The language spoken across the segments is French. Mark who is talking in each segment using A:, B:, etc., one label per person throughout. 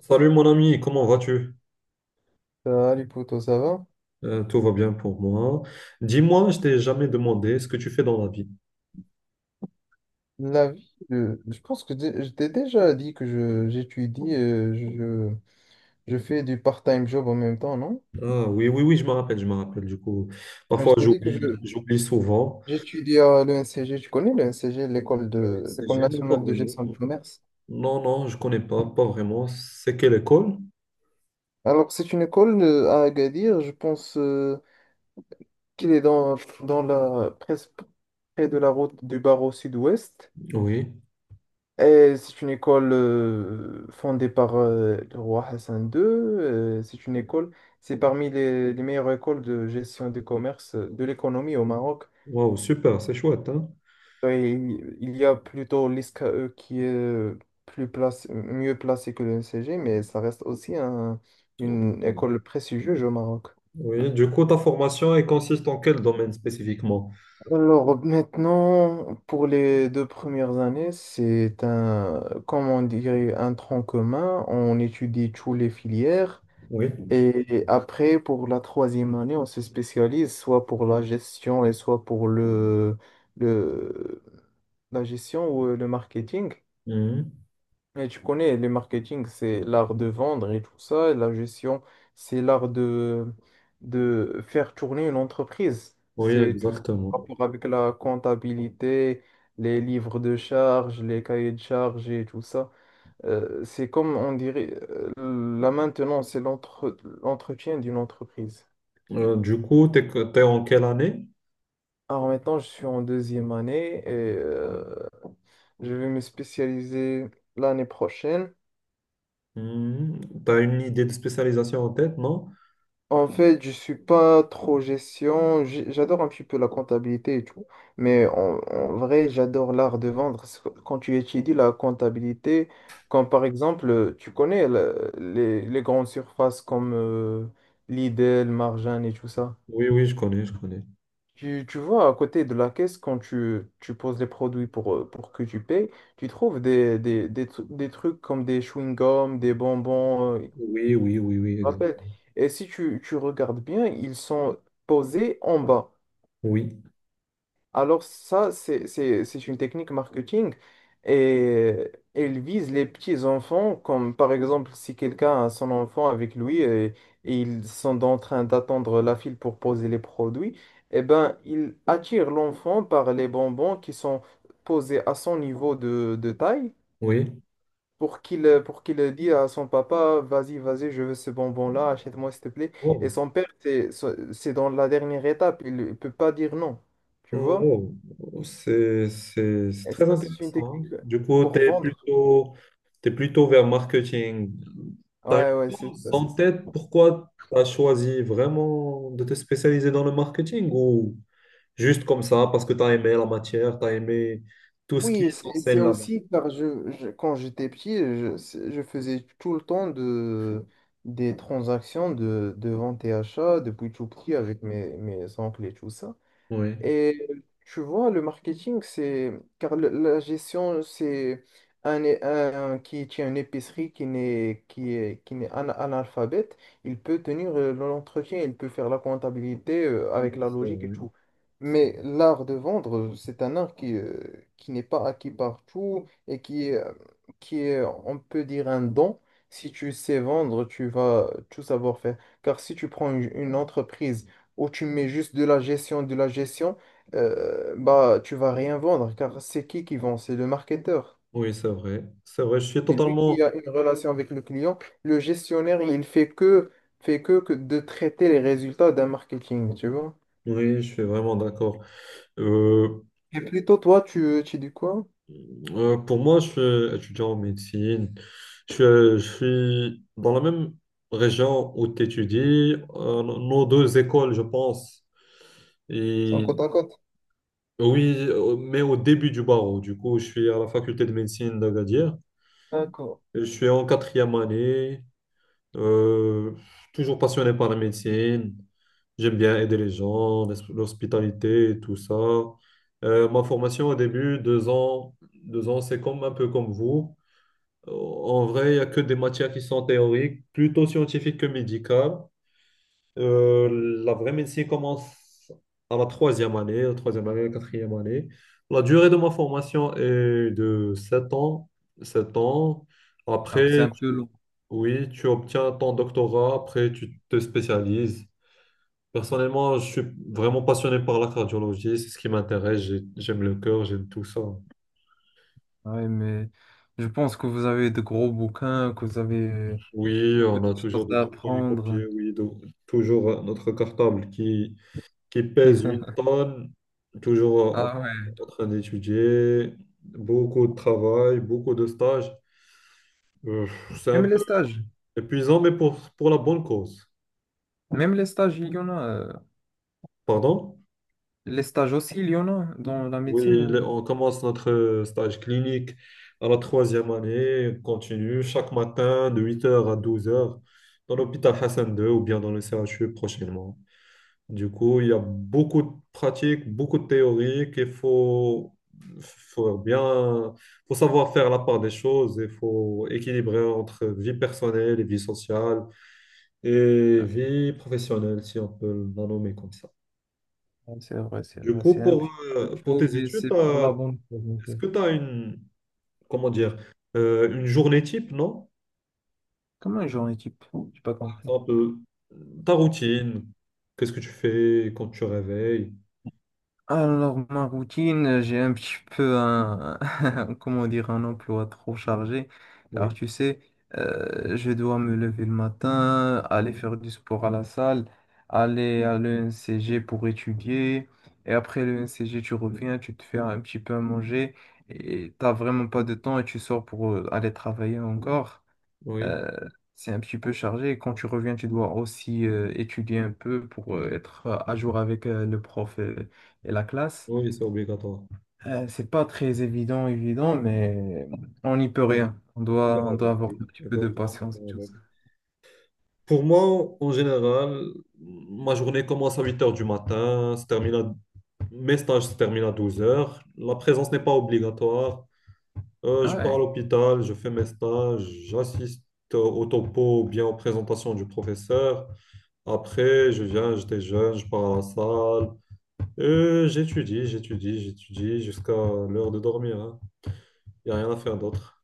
A: Salut mon ami, comment vas-tu?
B: Salut poto, ça va?
A: Tout va bien pour moi. Dis-moi, je t'ai jamais demandé ce que tu fais dans la vie.
B: La vie, je pense que je t'ai déjà dit que j'étudie, je fais du part-time job en même temps, non?
A: Ah oui, oui, oui, je me rappelle du coup.
B: Je
A: Parfois
B: t'ai dit que
A: j'oublie, j'oublie souvent.
B: j'étudie à l'ENCG, tu connais l'ENCG,
A: C'est
B: l'école
A: gênant, pas
B: nationale de
A: vraiment.
B: gestion du commerce.
A: Non, non, je connais pas vraiment. C'est quelle école?
B: Alors c'est une école à Agadir, je pense qu'il est dans la, presque près de la route du barreau sud-ouest.
A: Oui.
B: Et c'est une école fondée par le roi Hassan II. C'est une école, c'est parmi les meilleures écoles de gestion des commerces, de l'économie au Maroc.
A: Waouh, super, c'est chouette, hein?
B: Et il y a plutôt l'ISKE qui est plus place, mieux placé que le NCG, mais ça reste aussi une école prestigieuse au Maroc.
A: Oui, du coup, ta formation, elle consiste en quel domaine spécifiquement?
B: Alors maintenant, pour les deux premières années, c'est un, comment on dirait, un tronc commun. On étudie toutes les filières.
A: Oui.
B: Et après, pour la troisième année, on se spécialise soit pour la gestion et soit pour le, la gestion ou le marketing.
A: Mhm.
B: Et tu connais, le marketing, c'est l'art de vendre et tout ça. Et la gestion, c'est l'art de faire tourner une entreprise.
A: Oui,
B: C'est tout ce qui a
A: exactement.
B: rapport avec la comptabilité, les livres de charges, les cahiers de charges et tout ça. C'est comme on dirait, la maintenance, c'est l'entretien d'une entreprise.
A: Du coup, t'es en quelle année?
B: Alors maintenant, je suis en deuxième année et euh, je vais me spécialiser l'année prochaine.
A: Hmm, T'as une idée de spécialisation en tête, non?
B: En fait, je suis pas trop gestion, j'adore un petit peu la comptabilité et tout, mais en vrai, j'adore l'art de vendre. Parce que quand tu étudies la comptabilité, comme par exemple, tu connais les grandes surfaces comme Lidl, Marjan et tout ça.
A: Oui, oui, je connais, je connais.
B: Tu vois, à côté de la caisse, quand tu poses les produits pour que tu payes, tu trouves des trucs comme des chewing-gums, des bonbons,
A: Oui, oui, oui, oui, exact.
B: rappelle. Et si tu regardes bien, ils sont posés en bas.
A: Oui,
B: Alors ça, c'est une technique marketing et elle vise les petits enfants, comme par exemple si quelqu'un a son enfant avec lui et ils sont en train d'attendre la file pour poser les produits, eh ben il attire l'enfant par les bonbons qui sont posés à son niveau de taille
A: oui.
B: pour qu'il dise à son papa, vas-y, vas-y, je veux ce bonbon-là, achète-moi s'il te plaît.
A: Oh,
B: Et son père, c'est dans la dernière étape, il ne peut pas dire non, tu vois?
A: oh, oh, c'est
B: Et
A: très
B: ça, c'est une
A: intéressant. Hein.
B: technique
A: Du coup,
B: pour
A: t'es
B: vendre.
A: plutôt, t'es plutôt vers marketing. T'as
B: Ouais, ouais,
A: une
B: c'est
A: chose
B: ça, c'est
A: en
B: ça.
A: tête, pourquoi t'as choisi vraiment de te spécialiser dans le marketing ou juste comme ça, parce que t'as aimé la matière, t'as aimé tout ce qui
B: Oui,
A: est
B: c'est
A: censé
B: c'est
A: là-bas?
B: aussi car quand j'étais petit, je faisais tout le temps des transactions de vente et achat depuis tout petit avec mes oncles et tout ça.
A: Oui.
B: Et tu vois, le marketing, c'est. Car la gestion, c'est un qui tient une épicerie qui n'est qui est, qui n'est ana- analphabète, il peut tenir l'entretien, il peut faire la comptabilité
A: Oui,
B: avec la
A: c'est
B: logique et
A: vrai.
B: tout. Mais l'art de vendre, c'est un art qui n'est pas acquis partout et qui est, on peut dire, un don. Si tu sais vendre, tu vas tout savoir faire. Car si tu prends une entreprise où tu mets juste de la gestion, bah, tu vas rien vendre car c'est qui vend? C'est le marketeur.
A: Oui, c'est vrai. C'est vrai, je suis
B: C'est lui
A: totalement...
B: qui a une relation avec le client. Le gestionnaire, il fait que de traiter les résultats d'un marketing, tu vois.
A: Oui, je suis vraiment d'accord. Euh,
B: Et plutôt, toi, tu dis quoi?
A: pour moi, je suis étudiant en médecine. Je suis dans la même région où tu étudies. Nos deux écoles, je pense.
B: C'est en
A: Et
B: compte en compte.
A: oui, mais au début du barreau. Du coup, je suis à la faculté de médecine d'Agadir.
B: D'accord.
A: Et je suis en quatrième année. Euh, toujours passionné par la médecine. J'aime bien aider les gens, l'hospitalité et tout ça. Ma formation au début, 2 ans, 2 ans, c'est comme un peu comme vous. En vrai, il n'y a que des matières qui sont théoriques, plutôt scientifiques que médicales. La vraie médecine commence à la troisième année, la troisième année, la quatrième année. La durée de ma formation est de 7 ans, 7 ans.
B: Alors c'est
A: Après,
B: un peu long.
A: oui, tu obtiens ton doctorat, après tu te spécialises. Personnellement, je suis vraiment passionné par la cardiologie, c'est ce qui m'intéresse. J'aime le cœur, j'aime tout ça.
B: Ouais, mais je pense que vous avez de gros bouquins, que vous avez
A: Oui,
B: beaucoup
A: on
B: de
A: a toujours
B: choses
A: de
B: à
A: gros
B: apprendre.
A: polycopiés, oui, toujours notre cartable qui pèse une tonne, toujours en,
B: Ah ouais.
A: en train d'étudier, beaucoup de travail, beaucoup de stages. Euh, c'est un
B: Même les
A: peu
B: stages.
A: épuisant, mais pour la bonne cause.
B: Même les stages, il y en a.
A: Pardon?
B: Les stages aussi, il y en a dans la
A: Oui,
B: médecine ou...
A: on commence notre stage clinique à la troisième année, continue chaque matin de 8h à 12h dans l'hôpital Hassan II ou bien dans le CHU prochainement. Du coup, il y a beaucoup de pratiques, beaucoup de théories qu'il faut, faut bien, faut savoir faire la part des choses, il faut équilibrer entre vie personnelle et vie sociale et
B: Ah,
A: vie professionnelle, si on peut la nommer comme ça.
B: c'est vrai, c'est
A: Du
B: vrai,
A: coup,
B: c'est un
A: pour,
B: petit peu
A: euh, pour
B: chaud,
A: tes
B: mais
A: études,
B: c'est pour la bonne cause, en
A: est-ce
B: fait.
A: que tu as une, comment dire, une journée type, non?
B: Comment j'en équipe? J'ai pas
A: Par
B: compris.
A: exemple, ta routine, qu'est-ce que tu fais quand tu te réveilles?
B: Alors, ma routine, j'ai un petit peu un, comment dire, un emploi trop chargé. Alors,
A: Oui,
B: tu sais, je dois me lever le matin, aller
A: oui,
B: faire du sport à la salle, aller à l'ENCG pour étudier. Et après l'ENCG, tu reviens, tu te fais un petit peu à manger et t'as vraiment pas de temps et tu sors pour aller travailler encore.
A: oui,
B: Euh, c'est un petit peu chargé. Et quand tu reviens, tu dois aussi étudier un peu pour être à jour avec le prof et la classe.
A: oui, c'est obligatoire.
B: C'est pas très évident, mais on n'y peut rien. On
A: Faut
B: doit,
A: faire
B: on doit
A: avec,
B: avoir
A: oui,
B: un petit peu de
A: exactement,
B: patience
A: faut
B: et
A: faire
B: tout
A: avec.
B: ça.
A: Pour moi, en général, ma journée commence à 8h du matin, se termine mes stages se terminent à 12 heures. La présence n'est pas obligatoire. Euh,
B: Ah,
A: je pars à
B: ouais.
A: l'hôpital, je fais mes stages, j'assiste au topo ou bien aux présentations du professeur. Après, je viens, j'étais jeune, je pars à la salle. J'étudie, j'étudie, j'étudie jusqu'à l'heure de dormir. Hein. Il n'y a rien à faire d'autre.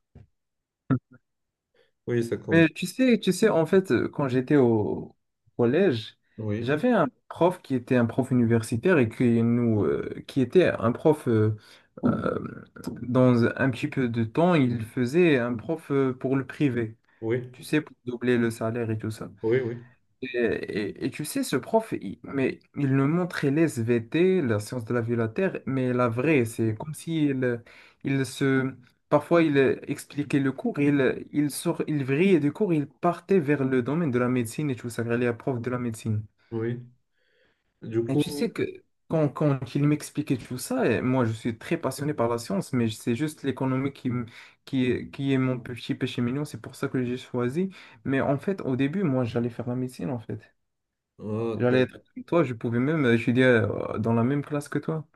A: Oui, c'est comme ça.
B: Mais tu sais, en fait, quand j'étais au collège,
A: Oui,
B: j'avais un prof qui était un prof universitaire et qui était un prof euh, dans un petit peu de temps, il faisait un prof pour le privé.
A: Oui,
B: Tu sais, pour doubler le salaire et tout ça.
A: oui, oui,
B: Et tu sais, ce prof, mais il nous montrait les SVT, la science de la vie de la Terre, mais la vraie, c'est comme s'il il se... Parfois, il expliquait le cours, il vrillait du cours, il partait vers le domaine de la médecine et tout ça, il est prof de la médecine.
A: oui. Du
B: Et tu sais
A: coup,
B: que quand il m'expliquait tout ça, et moi je suis très passionné par la science, mais c'est juste l'économie qui est qui est mon petit péché mignon, c'est pour ça que j'ai choisi. Mais en fait, au début, moi j'allais faire la médecine en fait.
A: oh,
B: J'allais être comme toi, je pouvais même étudier dans la même classe que toi.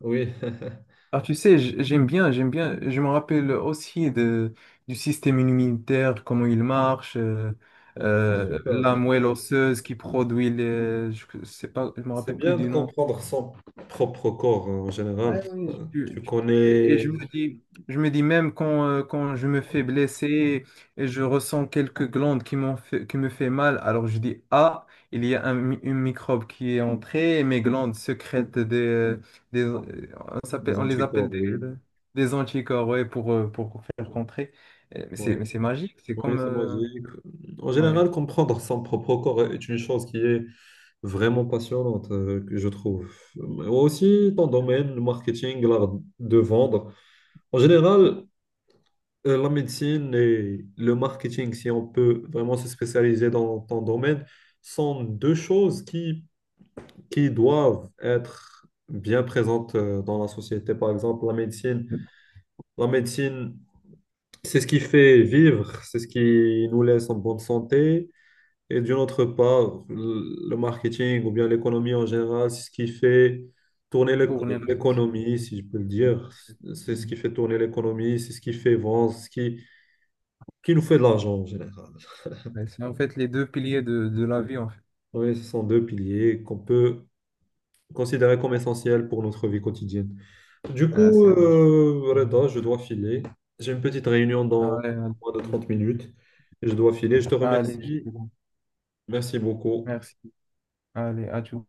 A: oui,
B: Ah, tu sais, j'aime bien, je me rappelle aussi du système immunitaire, comment il marche,
A: c'est super, c'est
B: la moelle
A: super.
B: osseuse qui produit les, je sais pas, je me
A: C'est
B: rappelle plus
A: bien de
B: du nom.
A: comprendre son propre corps hein, en général.
B: Ouais, oui,
A: Euh, Tu
B: et
A: connais
B: je me dis même quand je me fais blesser et je ressens quelques glandes qui me fait mal, alors je dis, ah, il y a une microbe qui est entrée et mes glandes sécrètent des
A: les
B: on les appelle
A: anticorps,
B: des,
A: oui,
B: des anticorps, ouais, pour faire contrer. Euh, mais
A: oui,
B: C'est, mais c'est magique, c'est
A: oui,
B: comme,
A: c'est magique. En
B: ouais,
A: général, comprendre son propre corps est une chose qui est vraiment passionnante, que je trouve. Mais aussi, ton domaine, le marketing, l'art de vendre. En général, la médecine et le marketing, si on peut vraiment se spécialiser dans ton domaine, sont deux choses qui doivent être bien présentes dans la société. Par exemple, la médecine, c'est ce qui fait vivre, c'est ce qui nous laisse en bonne santé. Et d'une autre part, le marketing ou bien l'économie en général, c'est ce qui fait tourner
B: tourner la société.
A: l'économie,
B: Ouais,
A: si je peux le dire.
B: c'est
A: C'est ce qui fait tourner l'économie, c'est ce qui fait vendre, c'est ce qui nous fait de l'argent en général.
B: ouais, en fait les deux piliers de la vie, en fait.
A: Oui, ce sont deux piliers qu'on peut considérer comme essentiels pour notre vie quotidienne. Du
B: Ouais,
A: coup,
B: c'est vrai.
A: Reda, je dois filer. J'ai une petite réunion
B: Ouais,
A: dans moins de
B: allez,
A: 30 minutes. Je dois filer. Je te
B: allez, je te
A: remercie.
B: laisse.
A: Merci beaucoup.
B: Merci. Allez, à tout.